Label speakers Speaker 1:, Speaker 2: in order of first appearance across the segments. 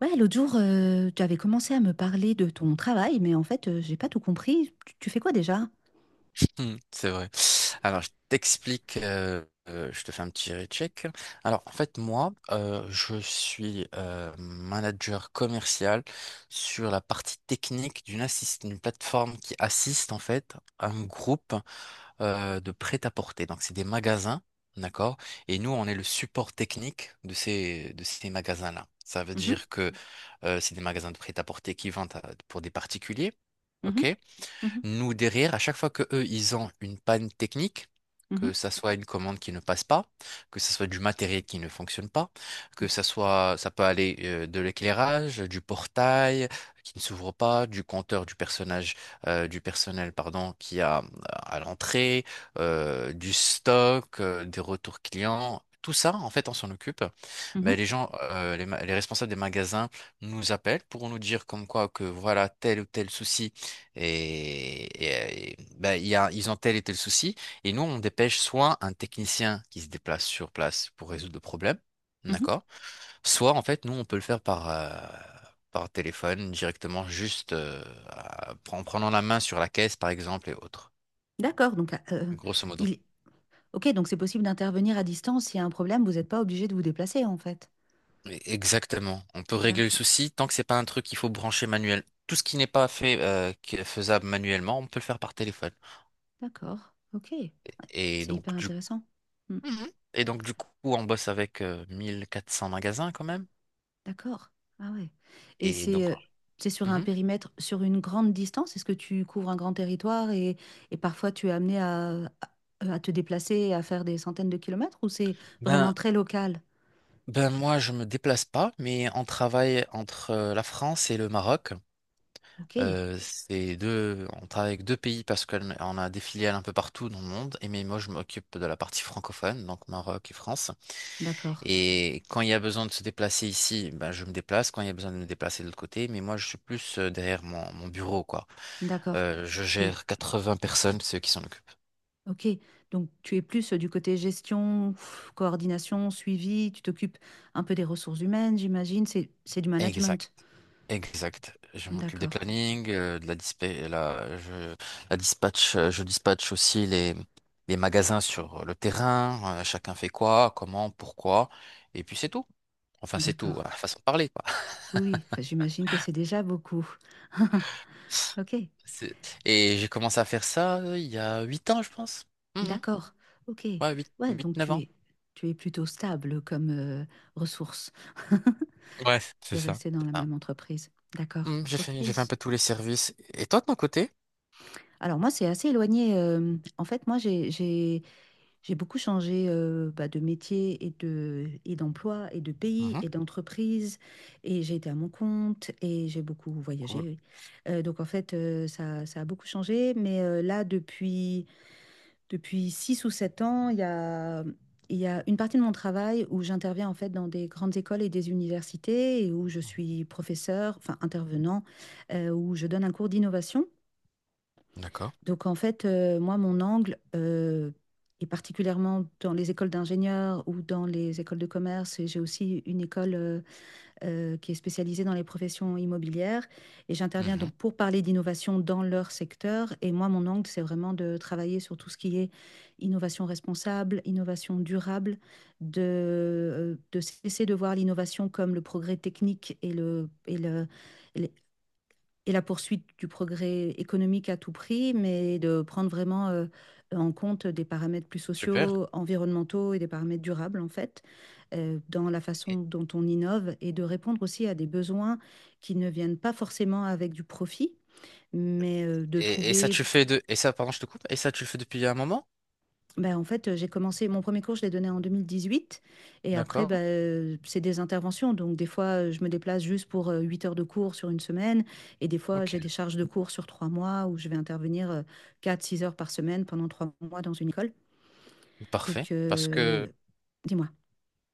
Speaker 1: Ouais, l'autre jour, tu avais commencé à me parler de ton travail, mais en fait, j'ai pas tout compris. Tu fais quoi déjà?
Speaker 2: C'est vrai. Alors, je t'explique, je te fais un petit recheck. Alors, en fait, moi, je suis manager commercial sur la partie technique d'une plateforme qui assiste, en fait, un groupe de prêt-à-porter. Donc, c'est des magasins, d'accord? Et nous, on est le support technique de ces magasins-là. Ça veut
Speaker 1: Mhm,
Speaker 2: dire que c'est des magasins de prêt-à-porter qui vendent pour des particuliers.
Speaker 1: mhm,
Speaker 2: Ok,
Speaker 1: mhm,
Speaker 2: nous, derrière, à chaque fois que eux, ils ont une panne technique,
Speaker 1: mhm,
Speaker 2: que ça soit une commande qui ne passe pas, que ça soit du matériel qui ne fonctionne pas, que ça soit, ça peut aller de l'éclairage, du portail qui ne s'ouvre pas, du compteur du personnage, du personnel, pardon, qui a à l'entrée, du stock, des retours clients. Tout ça, en fait, on s'en occupe. Mais
Speaker 1: mhm,
Speaker 2: les gens, les responsables des magasins nous appellent pour nous dire comme quoi que voilà tel ou tel souci ben, ils ont tel et tel souci. Et nous, on dépêche soit un technicien qui se déplace sur place pour résoudre le problème,
Speaker 1: mhm.
Speaker 2: d'accord? Soit, en fait, nous, on peut le faire par téléphone directement, juste en prenant la main sur la caisse, par exemple, et autres.
Speaker 1: D'accord, donc
Speaker 2: Grosso modo.
Speaker 1: il... Ok, donc c'est possible d'intervenir à distance. S'il y a un problème, vous n'êtes pas obligé de vous déplacer, en fait.
Speaker 2: Mais exactement. On peut régler le
Speaker 1: D'accord,
Speaker 2: souci tant que c'est pas un truc qu'il faut brancher manuel. Tout ce qui n'est pas fait, qui est faisable manuellement, on peut le faire par téléphone.
Speaker 1: d'accord, ok.
Speaker 2: Et
Speaker 1: C'est
Speaker 2: donc,
Speaker 1: hyper
Speaker 2: du
Speaker 1: intéressant. Mmh.
Speaker 2: Mhm. Et donc, du coup, on bosse avec 1400 magasins quand même.
Speaker 1: D'accord. Ah ouais. Et
Speaker 2: Et donc,
Speaker 1: c'est sur un
Speaker 2: mhm.
Speaker 1: périmètre, sur une grande distance? Est-ce que tu couvres un grand territoire et parfois tu es amené à, à te déplacer et à faire des centaines de kilomètres ou c'est
Speaker 2: Ben,
Speaker 1: vraiment très local?
Speaker 2: ben moi, je me déplace pas, mais on travaille entre la France et le Maroc.
Speaker 1: Ok.
Speaker 2: On travaille avec deux pays parce qu'on on a des filiales un peu partout dans le monde. Et mais moi, je m'occupe de la partie francophone, donc Maroc et France.
Speaker 1: D'accord.
Speaker 2: Et quand il y a besoin de se déplacer ici, ben, je me déplace. Quand il y a besoin de me déplacer de l'autre côté, mais moi, je suis plus derrière mon bureau, quoi.
Speaker 1: D'accord.
Speaker 2: Je
Speaker 1: Tu...
Speaker 2: gère 80 personnes, ceux qui s'en occupent.
Speaker 1: Ok. Donc tu es plus du côté gestion, pff, coordination, suivi. Tu t'occupes un peu des ressources humaines, j'imagine. C'est du
Speaker 2: Exact,
Speaker 1: management.
Speaker 2: exact. Je m'occupe des
Speaker 1: D'accord.
Speaker 2: plannings, de la dispa- la, je, la dispatch, je dispatche aussi les magasins sur le terrain, chacun fait quoi, comment, pourquoi, et puis c'est tout. Enfin, c'est tout,
Speaker 1: D'accord.
Speaker 2: à façon de parler, quoi.
Speaker 1: Oui, oui. Enfin, j'imagine que c'est déjà beaucoup. Ok.
Speaker 2: C'est- Et j'ai commencé à faire ça il y a 8 ans, je pense. Mhm.
Speaker 1: D'accord, ok.
Speaker 2: Ouais,
Speaker 1: Ouais,
Speaker 2: neuf ans.
Speaker 1: tu es plutôt stable comme ressource.
Speaker 2: Ouais, c'est
Speaker 1: Tu es
Speaker 2: ça.
Speaker 1: resté dans
Speaker 2: C'est
Speaker 1: la
Speaker 2: ça.
Speaker 1: même entreprise. D'accord,
Speaker 2: Mhm,
Speaker 1: ok.
Speaker 2: j'ai fait un
Speaker 1: S-
Speaker 2: peu tous les services. Et toi, de ton côté?
Speaker 1: Alors moi, c'est assez éloigné. En fait, moi, j'ai beaucoup changé bah, de métier et de, d'emploi et de pays
Speaker 2: Mhm.
Speaker 1: et d'entreprise. Et j'ai été à mon compte et j'ai beaucoup voyagé.
Speaker 2: Cool.
Speaker 1: Oui. Donc en fait, ça a beaucoup changé. Mais là, depuis... Depuis 6 ou 7 ans, il y a une partie de mon travail où j'interviens en fait dans des grandes écoles et des universités et où je
Speaker 2: Mhm.
Speaker 1: suis professeur, enfin intervenant, où je donne un cours d'innovation.
Speaker 2: D'accord.
Speaker 1: Donc en fait, moi, et particulièrement dans les écoles d'ingénieurs ou dans les écoles de commerce, et j'ai aussi une école qui est spécialisée dans les professions immobilières. Et j'interviens
Speaker 2: Mhm.
Speaker 1: donc pour parler d'innovation dans leur secteur. Et moi, mon angle, c'est vraiment de travailler sur tout ce qui est innovation responsable, innovation durable, de, de cesser de voir l'innovation comme le progrès technique et et la poursuite du progrès économique à tout prix, mais de prendre vraiment en compte des paramètres plus
Speaker 2: Super.
Speaker 1: sociaux, environnementaux et des paramètres durables, en fait, dans la façon dont on innove et de répondre aussi à des besoins qui ne viennent pas forcément avec du profit, mais de
Speaker 2: Et ça, tu
Speaker 1: trouver.
Speaker 2: le fais de... Et ça, pardon, je te coupe. Et ça, tu le fais depuis un moment?
Speaker 1: Ben en fait, j'ai commencé mon premier cours, je l'ai donné en 2018 et après,
Speaker 2: D'accord.
Speaker 1: bah, c'est des interventions, donc des fois, je me déplace juste pour, 8 heures de cours sur une semaine, et des fois,
Speaker 2: Ok.
Speaker 1: j'ai des charges de cours sur 3 mois où je vais intervenir, 4-6 heures par semaine pendant 3 mois dans une école.
Speaker 2: Parfait.
Speaker 1: Donc
Speaker 2: Parce que...
Speaker 1: dis-moi?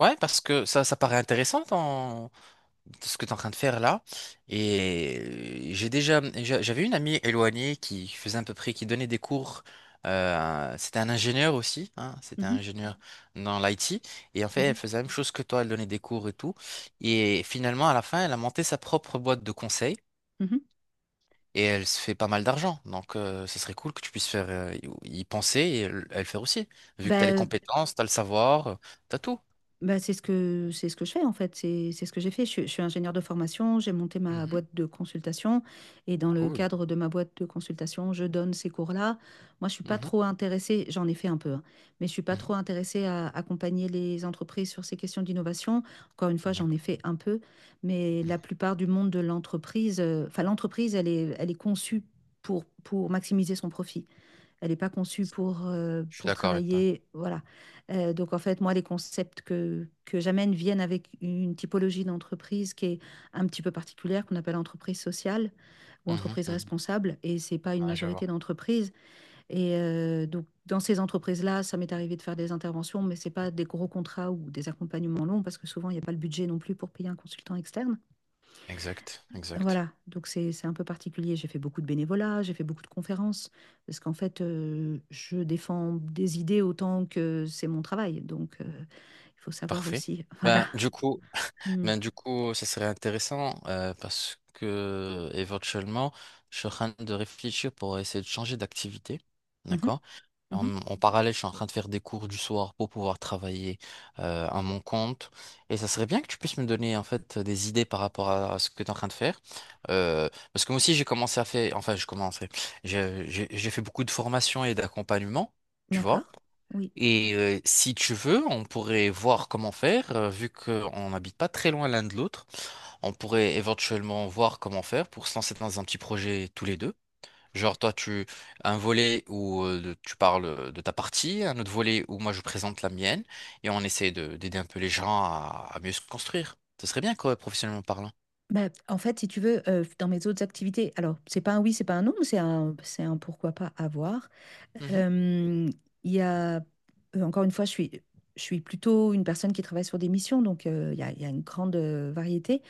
Speaker 2: Ouais, parce que ça paraît intéressant dans ce que tu es en train de faire là. J'avais une amie éloignée qui faisait à peu près... qui donnait des cours. C'était un ingénieur aussi. Hein, c'était
Speaker 1: Mmh
Speaker 2: un
Speaker 1: mh.
Speaker 2: ingénieur dans l'IT. Et en fait,
Speaker 1: Mmh
Speaker 2: elle
Speaker 1: mh.
Speaker 2: faisait la même chose que toi. Elle donnait des cours et tout. Et finalement, à la fin, elle a monté sa propre boîte de conseil.
Speaker 1: Mmh.
Speaker 2: Et elle se fait pas mal d'argent. Donc, ce serait cool que tu puisses faire, y y penser et elle faire aussi. Vu que tu as
Speaker 1: Bah,
Speaker 2: les
Speaker 1: euh,
Speaker 2: compétences, tu as le savoir, t'as tout.
Speaker 1: Bah, c'est ce que je fais en fait, c'est ce que j'ai fait. Je suis ingénieure de formation, j'ai monté ma
Speaker 2: Mhm.
Speaker 1: boîte de consultation, et dans le
Speaker 2: Cool.
Speaker 1: cadre de ma boîte de consultation, je donne ces cours-là. Moi, je suis pas
Speaker 2: Mhm.
Speaker 1: trop intéressée, j'en ai fait un peu, hein, mais je suis pas trop
Speaker 2: Mhm.
Speaker 1: intéressée à accompagner les entreprises sur ces questions d'innovation. Encore une fois, j'en ai
Speaker 2: D'accord.
Speaker 1: fait un peu, mais
Speaker 2: Mhm.
Speaker 1: la plupart du monde de l'entreprise, enfin l'entreprise, elle est conçue pour maximiser son profit. Elle n'est pas conçue
Speaker 2: Je suis
Speaker 1: pour
Speaker 2: d'accord avec toi.
Speaker 1: travailler. Voilà. Donc, en fait, moi, les concepts que j'amène viennent avec une typologie d'entreprise qui est un petit peu particulière, qu'on appelle entreprise sociale ou
Speaker 2: Mhm.
Speaker 1: entreprise
Speaker 2: Mhm.
Speaker 1: responsable. Et ce n'est pas une
Speaker 2: Ouais, je vois.
Speaker 1: majorité d'entreprises. Et donc, dans ces entreprises-là, ça m'est arrivé de faire des interventions, mais ce n'est pas des gros contrats ou des accompagnements longs parce que souvent, il n'y a pas le budget non plus pour payer un consultant externe.
Speaker 2: Exact, exact.
Speaker 1: Voilà, donc c'est un peu particulier. J'ai fait beaucoup de bénévolat, j'ai fait beaucoup de conférences, parce qu'en fait, je défends des idées autant que c'est mon travail. Donc, il faut savoir
Speaker 2: Parfait.
Speaker 1: aussi. Voilà.
Speaker 2: Ben, du coup,
Speaker 1: Mm.
Speaker 2: Ben, du coup, ça serait intéressant parce que éventuellement, je suis en train de réfléchir pour essayer de changer d'activité.
Speaker 1: Mhm.
Speaker 2: D'accord?
Speaker 1: Mhm.
Speaker 2: En parallèle, je suis en train de faire des cours du soir pour pouvoir travailler à mon compte. Et ça serait bien que tu puisses me donner en fait des idées par rapport à ce que tu es en train de faire. Euh, parce que moi aussi, j'ai commencé à faire, enfin, je commençais, j'ai fait beaucoup de formations et d'accompagnement, tu vois.
Speaker 1: D'accord. Oui.
Speaker 2: Et si tu veux, on pourrait voir comment faire, vu qu'on n'habite pas très loin l'un de l'autre. On pourrait éventuellement voir comment faire pour se lancer dans un petit projet tous les deux. Genre toi, tu un volet où tu parles de ta partie, un autre volet où moi je présente la mienne, et on essaie de d'aider un peu les gens à mieux se construire. Ce serait bien, quoi, professionnellement parlant.
Speaker 1: Bah, en fait, si tu veux, dans mes autres activités, alors c'est pas un oui, c'est pas un non, mais c'est un pourquoi pas avoir.
Speaker 2: Mhm,
Speaker 1: Euh, Il y a, encore une fois, je suis plutôt une personne qui travaille sur des missions, donc il y a une grande variété.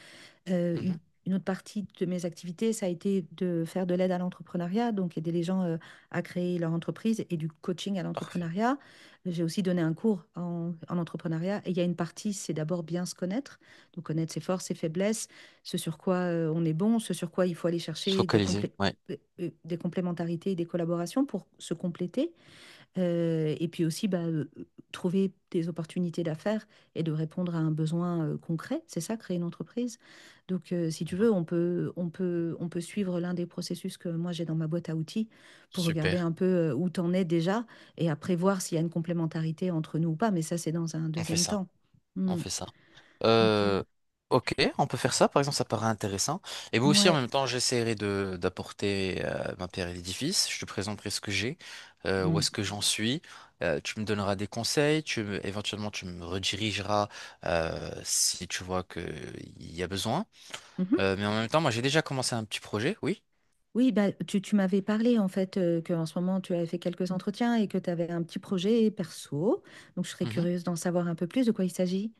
Speaker 1: Euh,
Speaker 2: mhm.
Speaker 1: une une autre partie de mes activités, ça a été de faire de l'aide à l'entrepreneuriat, donc aider les gens à créer leur entreprise et du coaching à
Speaker 2: Parfait.
Speaker 1: l'entrepreneuriat. J'ai aussi donné un cours en entrepreneuriat et il y a une partie, c'est d'abord bien se connaître, donc connaître ses forces, ses faiblesses, ce sur quoi on est bon, ce sur quoi il faut aller
Speaker 2: Se
Speaker 1: chercher des
Speaker 2: focaliser,
Speaker 1: complé-
Speaker 2: ouais.
Speaker 1: des complémentarités et des collaborations pour se compléter. Et puis aussi, trouver des opportunités d'affaires et de répondre à un besoin concret. C'est ça, créer une entreprise. Donc, si
Speaker 2: Ça
Speaker 1: tu veux,
Speaker 2: marche.
Speaker 1: on peut suivre l'un des processus que moi j'ai dans ma boîte à outils pour regarder
Speaker 2: Super.
Speaker 1: un peu où t'en es déjà et après voir s'il y a une complémentarité entre nous ou pas. Mais ça, c'est dans un
Speaker 2: On fait
Speaker 1: deuxième
Speaker 2: ça.
Speaker 1: temps.
Speaker 2: On
Speaker 1: Hmm.
Speaker 2: fait ça.
Speaker 1: Ok.
Speaker 2: Euh, ok, on peut faire ça. Par exemple, ça paraît intéressant. Et moi aussi, en
Speaker 1: Ouais.
Speaker 2: même temps, j'essaierai de d'apporter ma pierre à l'édifice. Je te présenterai ce que j'ai, où
Speaker 1: Hmm.
Speaker 2: est-ce que j'en suis. Tu me donneras des conseils. Éventuellement, tu me redirigeras si tu vois que il y a besoin.
Speaker 1: Mhm.
Speaker 2: Mais en même temps, moi, j'ai déjà commencé un petit projet. Oui.
Speaker 1: Oui, bah, tu m'avais parlé en fait que en ce moment tu avais fait quelques entretiens et que tu avais un petit projet perso. Donc je serais
Speaker 2: Mhm.
Speaker 1: curieuse d'en savoir un peu plus de quoi il s'agit.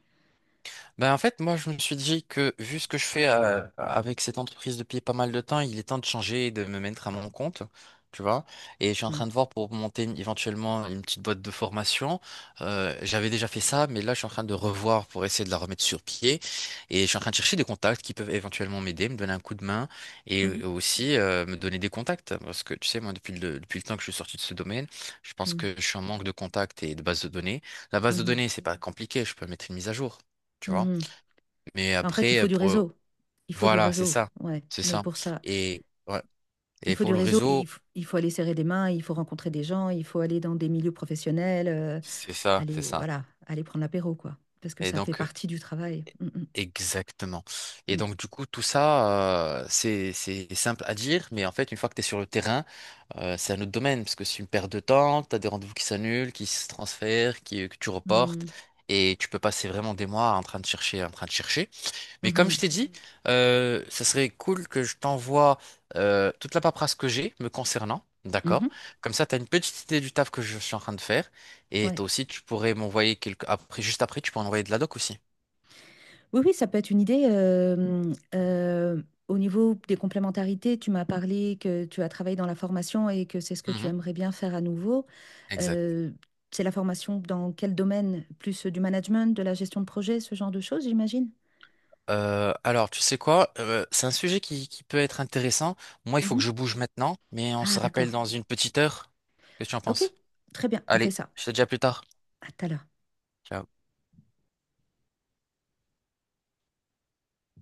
Speaker 2: Ben en fait, moi, je me suis dit que vu ce que je fais avec cette entreprise depuis pas mal de temps, il est temps de changer et de me mettre à mon compte, tu vois. Et je suis en
Speaker 1: Hmm.
Speaker 2: train de voir pour monter éventuellement une petite boîte de formation. J'avais déjà fait ça, mais là, je suis en train de revoir pour essayer de la remettre sur pied. Et je suis en train de chercher des contacts qui peuvent éventuellement m'aider, me donner un coup de main et
Speaker 1: Mhm,
Speaker 2: aussi me donner des contacts. Parce que, tu sais, moi, depuis le temps que je suis sorti de ce domaine, je pense
Speaker 1: mhm,
Speaker 2: que je suis en manque de contacts et de bases de données. La base de
Speaker 1: mhm,
Speaker 2: données, c'est pas compliqué, je peux mettre une mise à jour. Tu vois,
Speaker 1: mhm.
Speaker 2: mais
Speaker 1: En fait, il
Speaker 2: après,
Speaker 1: faut du
Speaker 2: pour...
Speaker 1: réseau. Il faut du
Speaker 2: voilà, c'est
Speaker 1: réseau,
Speaker 2: ça.
Speaker 1: ouais.
Speaker 2: C'est
Speaker 1: Mais
Speaker 2: ça.
Speaker 1: pour ça,
Speaker 2: Et, ouais.
Speaker 1: il
Speaker 2: Et
Speaker 1: faut du
Speaker 2: pour le
Speaker 1: réseau,
Speaker 2: réseau,
Speaker 1: il faut aller serrer des mains, il faut rencontrer des gens, il faut aller dans des milieux professionnels,
Speaker 2: c'est ça, c'est
Speaker 1: aller,
Speaker 2: ça.
Speaker 1: voilà, aller prendre l'apéro, quoi. Parce que
Speaker 2: Et
Speaker 1: ça fait
Speaker 2: donc,
Speaker 1: partie du travail. Mm,
Speaker 2: exactement. Et
Speaker 1: mm,
Speaker 2: donc, du coup, tout ça, c'est simple à dire, mais en fait, une fois que tu es sur le terrain, c'est un autre domaine, parce que c'est une perte de temps, tu as des rendez-vous qui s'annulent, qui se transfèrent, que tu reportes,
Speaker 1: mm.
Speaker 2: et tu peux passer vraiment des mois en train de chercher, en train de chercher.
Speaker 1: Mm,
Speaker 2: Mais comme je
Speaker 1: mhm,
Speaker 2: t'ai dit, ça serait cool que je t'envoie toute la paperasse que j'ai me concernant, d'accord?
Speaker 1: mhm,
Speaker 2: Comme ça, tu as une petite idée du taf que je suis en train de faire. Et
Speaker 1: ouais.
Speaker 2: toi aussi, tu pourrais m'envoyer quelques... Après, juste après, tu pourrais envoyer de la doc aussi.
Speaker 1: Oui, oui, ça peut être une idée. Au niveau des complémentarités, tu m'as parlé que tu as travaillé dans la formation et que c'est ce que tu
Speaker 2: Mhm.
Speaker 1: aimerais bien faire à nouveau.
Speaker 2: Exact.
Speaker 1: Euh, c'est la formation dans quel domaine? Plus du management, de la gestion de projet, ce genre de choses, j'imagine?
Speaker 2: Alors, tu sais quoi? C'est un sujet qui peut être intéressant. Moi, il faut que
Speaker 1: Mhm.
Speaker 2: je bouge maintenant, mais on se
Speaker 1: Ah,
Speaker 2: rappelle
Speaker 1: d'accord.
Speaker 2: dans une petite heure. Qu'est-ce que tu en
Speaker 1: Ok,
Speaker 2: penses?
Speaker 1: très bien, on fait
Speaker 2: Allez,
Speaker 1: ça.
Speaker 2: je te dis à plus tard.
Speaker 1: À tout à l'heure.
Speaker 2: Ciao.